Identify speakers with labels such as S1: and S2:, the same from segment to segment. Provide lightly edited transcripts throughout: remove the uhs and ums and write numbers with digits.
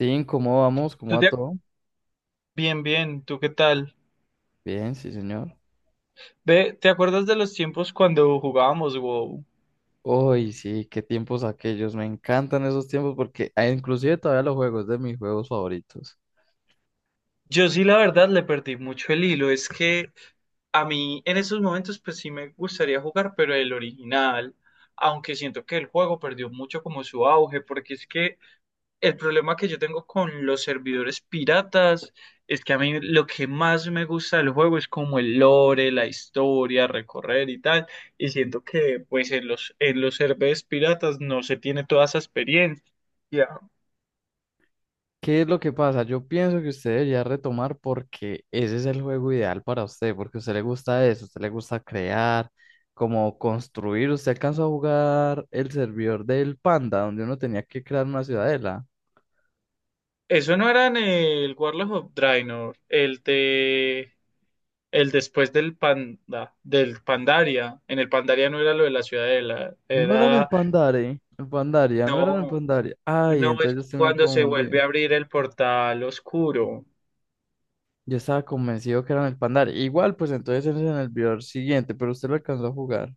S1: Sí, ¿cómo vamos? ¿Cómo
S2: ¿Tú
S1: va
S2: te... ac-
S1: todo?
S2: Bien, bien, ¿tú qué tal?
S1: Bien, sí, señor.
S2: Ve, ¿te acuerdas de los tiempos cuando jugábamos WoW?
S1: Uy, sí, qué tiempos aquellos. Me encantan esos tiempos porque inclusive todavía los juegos de mis juegos favoritos.
S2: Yo sí, la verdad, le perdí mucho el hilo. Es que a mí en esos momentos, pues sí me gustaría jugar, pero el original, aunque siento que el juego perdió mucho como su auge, porque es que el problema que yo tengo con los servidores piratas es que a mí lo que más me gusta del juego es como el lore, la historia, recorrer y tal. Y siento que pues en los servidores piratas no se tiene toda esa experiencia.
S1: ¿Qué es lo que pasa? Yo pienso que usted debería retomar porque ese es el juego ideal para usted, porque a usted le gusta eso, a usted le gusta crear, como construir. Usted alcanzó a jugar el servidor del Panda, donde uno tenía que crear una ciudadela.
S2: Eso no era en el Warlock of Draenor, el después del Pandaria. En el Pandaria no era lo de la ciudadela,
S1: No era en el
S2: era
S1: Pandare, el Pandaria, no era en el
S2: no,
S1: Pandaria. Ay,
S2: no
S1: entonces
S2: es
S1: yo estoy muy
S2: cuando se
S1: confundido.
S2: vuelve a abrir el portal oscuro.
S1: Yo estaba convencido que eran el Pandar. Igual, pues entonces ese es en el video siguiente, pero usted lo alcanzó a jugar.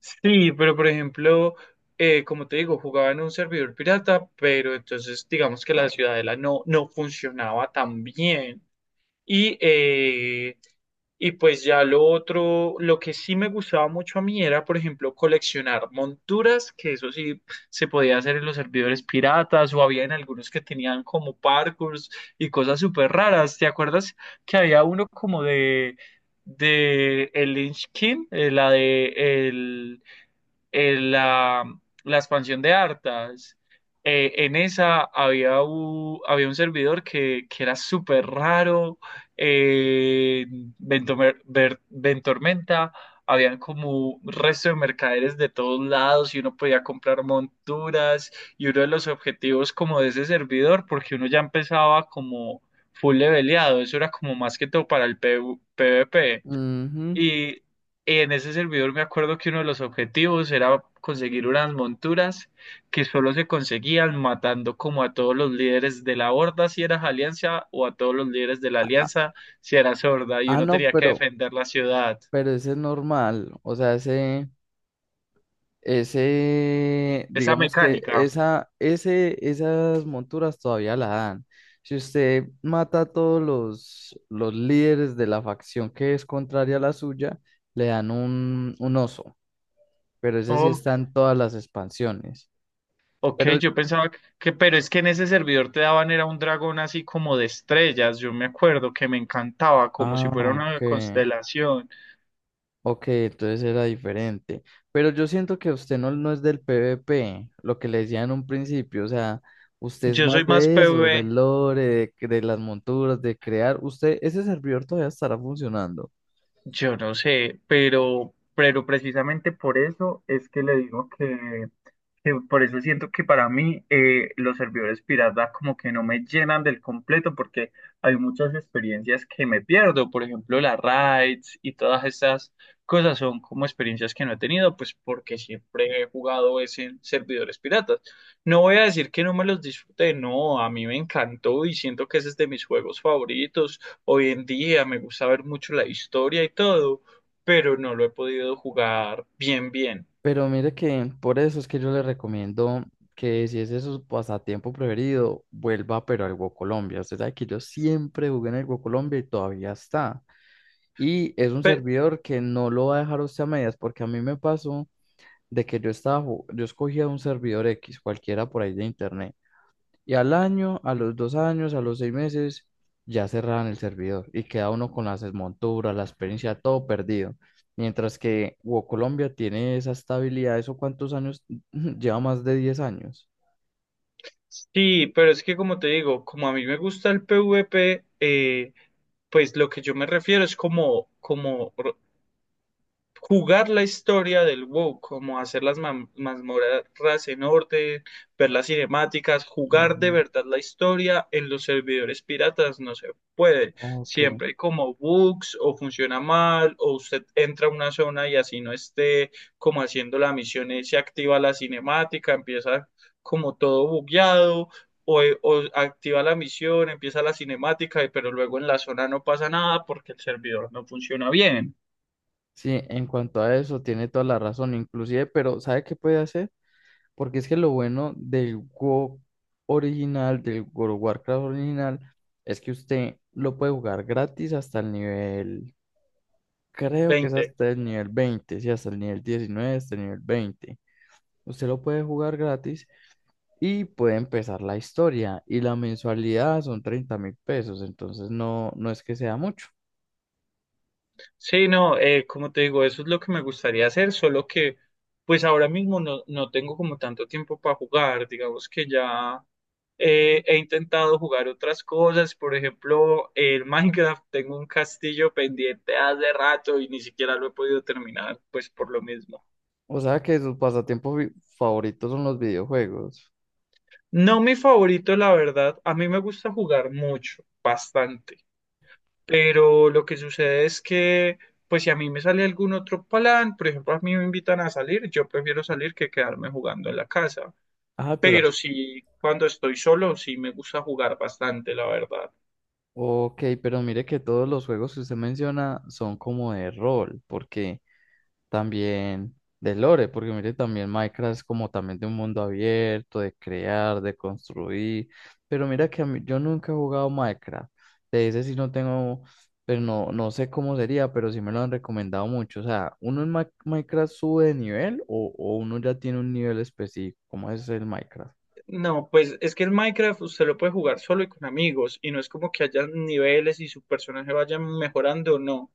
S2: Sí, pero por ejemplo, como te digo, jugaba en un servidor pirata, pero entonces digamos que la ciudadela no funcionaba tan bien. Y, eh, y pues ya lo otro, lo que sí me gustaba mucho a mí era, por ejemplo, coleccionar monturas, que eso sí se podía hacer en los servidores piratas, o había en algunos que tenían como parkours y cosas súper raras. ¿Te acuerdas que había uno como de el Lynch King, eh, la, la expansión de Arthas? En esa había un servidor que era súper raro. eh, Ventormenta, habían como resto de mercaderes de todos lados y uno podía comprar monturas. Y uno de los objetivos como de ese servidor, porque uno ya empezaba como full leveleado, eso era como más que todo para el PvP.
S1: Ujú.
S2: Y en ese servidor me acuerdo que uno de los objetivos era conseguir unas monturas que solo se conseguían matando como a todos los líderes de la horda si eras alianza, o a todos los líderes de la alianza si eras horda, y
S1: Ah,
S2: uno
S1: no,
S2: tenía que defender la ciudad.
S1: pero ese es normal. O sea,
S2: Esa
S1: digamos que
S2: mecánica.
S1: ese, esas monturas todavía la dan. Si usted mata a todos los líderes de la facción que es contraria a la suya, le dan un oso. Pero ese sí está
S2: Ok,
S1: en todas las expansiones.
S2: ok,
S1: Pero,
S2: yo pensaba pero es que en ese servidor te daban era un dragón así como de estrellas, yo me acuerdo que me encantaba como si
S1: ah,
S2: fuera una
S1: ok.
S2: constelación.
S1: Ok, entonces era diferente. Pero yo siento que usted no, no es del PvP, lo que le decía en un principio. O sea, usted es
S2: Yo soy
S1: más
S2: más
S1: de eso,
S2: PvE.
S1: del lore, de las monturas, de crear. Usted, ese servidor todavía estará funcionando.
S2: Yo no sé, pero precisamente por eso es que le digo que por eso siento que para mí los servidores pirata como que no me llenan del completo porque hay muchas experiencias que me pierdo, por ejemplo las raids, y todas esas cosas son como experiencias que no he tenido pues porque siempre he jugado es en servidores piratas. No voy a decir que no me los disfruté, no, a mí me encantó y siento que ese es de mis juegos favoritos. Hoy en día me gusta ver mucho la historia y todo, pero no lo he podido jugar bien bien.
S1: Pero mire que por eso es que yo le recomiendo que si ese es su pasatiempo preferido, vuelva pero al Go Colombia. Usted sabe que yo siempre jugué en el Go Colombia y todavía está. Y es un
S2: Pe-
S1: servidor que no lo va a dejar a usted a medias, porque a mí me pasó, de que yo yo escogía un servidor X, cualquiera por ahí de internet, y al año, a los dos años, a los seis meses, ya cerraban el servidor y queda uno con las desmonturas, la experiencia, todo perdido. Mientras que WoW Colombia tiene esa estabilidad, ¿eso cuántos años? Lleva más de 10 años.
S2: Sí, pero es que como te digo, como a mí me gusta el PvP, pues lo que yo me refiero es como jugar la historia del WoW, como hacer las mazmorras en orden, ver las cinemáticas, jugar de
S1: Mm,
S2: verdad la historia en los servidores piratas no se puede.
S1: ok.
S2: Siempre hay como bugs, o funciona mal, o usted entra a una zona y, así no esté como haciendo la misión, y se activa la cinemática, empieza como todo bugueado. O activa la misión, empieza la cinemática, pero luego en la zona no pasa nada porque el servidor no funciona bien.
S1: Sí, en cuanto a eso, tiene toda la razón, inclusive, pero ¿sabe qué puede hacer? Porque es que lo bueno del WoW original, del World of Warcraft original, es que usted lo puede jugar gratis hasta el nivel, creo que es
S2: 20.
S1: hasta el nivel 20 sí, hasta el nivel 19 hasta el nivel veinte. Usted lo puede jugar gratis y puede empezar la historia. Y la mensualidad son 30.000 pesos, entonces no es que sea mucho.
S2: Sí, no, como te digo, eso es lo que me gustaría hacer, solo que pues ahora mismo no tengo como tanto tiempo para jugar, digamos que ya he intentado jugar otras cosas, por ejemplo, el Minecraft, tengo un castillo pendiente hace rato y ni siquiera lo he podido terminar, pues por lo mismo.
S1: O sea que sus favoritos son los videojuegos.
S2: No mi favorito, la verdad. A mí me gusta jugar mucho, bastante. Pero lo que sucede es que, pues si a mí me sale algún otro plan, por ejemplo, a mí me invitan a salir, yo prefiero salir que quedarme jugando en la casa.
S1: Ah, pero
S2: Pero sí, cuando estoy solo, sí me gusta jugar bastante, la verdad.
S1: ok, pero mire que todos los juegos que usted menciona son como de rol, porque también de lore, porque mire también Minecraft es como también de un mundo abierto, de crear, de construir, pero mira que yo nunca he jugado Minecraft, de ese sí no tengo, pero no, no sé cómo sería, pero sí me lo han recomendado mucho, o sea, ¿uno en Minecraft sube de nivel o uno ya tiene un nivel específico? ¿Cómo es el Minecraft?
S2: No, pues es que el Minecraft usted lo puede jugar solo y con amigos, y no es como que haya niveles y su personaje vaya mejorando, no.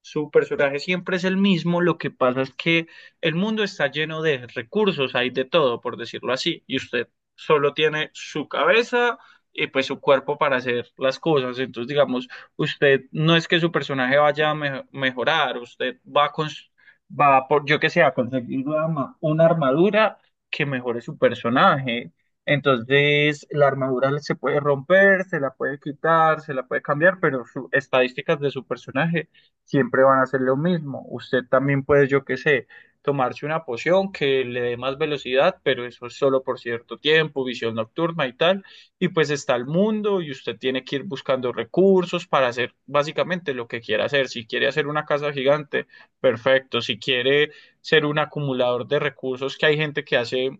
S2: Su personaje siempre es el mismo, lo que pasa es que el mundo está lleno de recursos, hay de todo, por decirlo así, y usted solo tiene su cabeza y pues su cuerpo para hacer las cosas. Entonces, digamos, usted no es que su personaje vaya a mejorar, usted va a por, yo que sé, a conseguir una armadura que mejore su personaje. Entonces, la armadura se puede romper, se la puede quitar, se la puede cambiar, pero sus estadísticas de su personaje siempre van a hacer lo mismo. Usted también puede, yo qué sé, tomarse una poción que le dé más velocidad, pero eso es solo por cierto tiempo, visión nocturna y tal. Y pues está el mundo y usted tiene que ir buscando recursos para hacer básicamente lo que quiera hacer. Si quiere hacer una casa gigante, perfecto. Si quiere ser un acumulador de recursos, que hay gente que hace,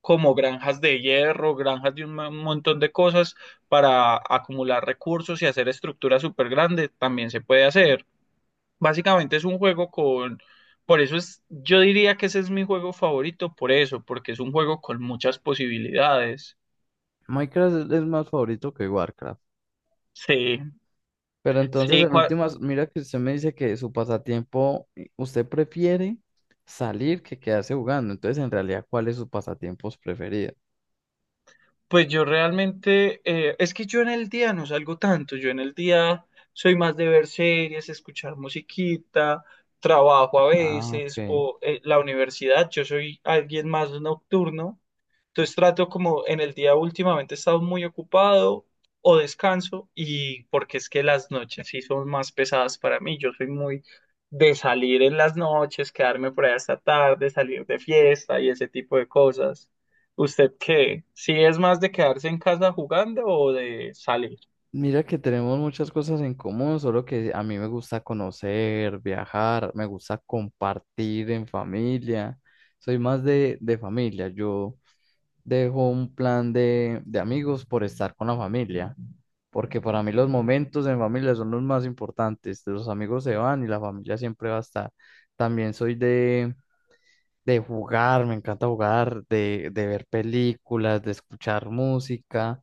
S2: como granjas de hierro, granjas de un montón de cosas para acumular recursos y hacer estructuras súper grandes, también se puede hacer. Básicamente es un juego. Por eso es, yo diría que ese es mi juego favorito, por eso, porque es un juego con muchas posibilidades.
S1: Minecraft es más favorito que Warcraft.
S2: Sí,
S1: Pero entonces,
S2: sí,
S1: en
S2: cua-
S1: últimas, mira que usted me dice que su pasatiempo, usted prefiere salir que quedarse jugando. Entonces, en realidad, ¿cuáles son sus pasatiempos preferidos?
S2: pues yo realmente, es que yo en el día no salgo tanto, yo en el día soy más de ver series, escuchar musiquita, trabajo a
S1: Ah,
S2: veces,
S1: ok.
S2: o la universidad, yo soy alguien más nocturno. Entonces trato como en el día, últimamente he estado muy ocupado, o descanso, y porque es que las noches sí son más pesadas para mí. Yo soy muy de salir en las noches, quedarme por ahí hasta tarde, salir de fiesta y ese tipo de cosas. ¿Usted qué? ¿Sí es más de quedarse en casa jugando o de salir?
S1: Mira que tenemos muchas cosas en común, solo que a mí me gusta conocer, viajar, me gusta compartir en familia. Soy más de familia. Yo dejo un plan de amigos por estar con la familia, porque para mí los momentos en familia son los más importantes. Los amigos se van y la familia siempre va a estar. También soy de jugar, me encanta jugar, de ver películas, de escuchar música.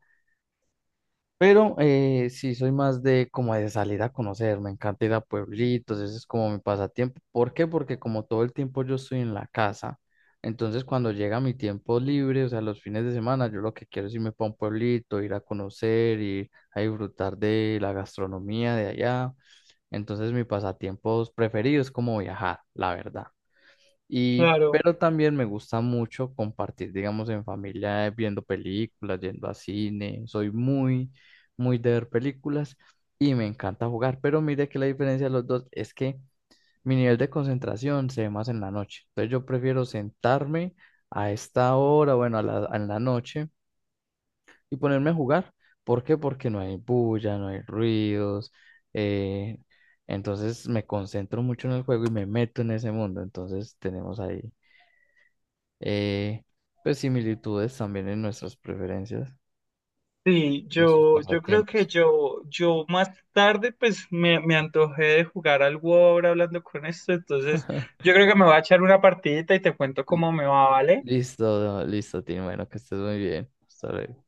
S1: Pero sí, soy más de como de salir a conocer, me encanta ir a pueblitos, ese es como mi pasatiempo. ¿Por qué? Porque como todo el tiempo yo estoy en la casa, entonces cuando llega mi tiempo libre, o sea, los fines de semana, yo lo que quiero es irme para un pueblito, ir a conocer, ir a disfrutar de la gastronomía de allá. Entonces mi pasatiempos preferidos es como viajar, la verdad. Y,
S2: Claro.
S1: pero también me gusta mucho compartir, digamos, en familia, viendo películas, yendo a cine. Soy muy, muy de ver películas y me encanta jugar. Pero mire que la diferencia de los dos es que mi nivel de concentración se ve más en la noche. Entonces yo prefiero sentarme a esta hora, bueno, en la noche y ponerme a jugar. ¿Por qué? Porque no hay bulla, no hay ruidos. eh, entonces me concentro mucho en el juego y me meto en ese mundo. Entonces tenemos ahí eh, pues similitudes también en nuestras preferencias,
S2: Sí,
S1: nuestros
S2: yo creo que
S1: pasatiempos.
S2: yo más tarde pues me antojé de jugar algo ahora hablando con esto, entonces yo creo que me voy a echar una partidita y te cuento cómo me va, ¿vale?
S1: Listo, listo, Tim. Bueno, que estés muy bien. Hasta luego.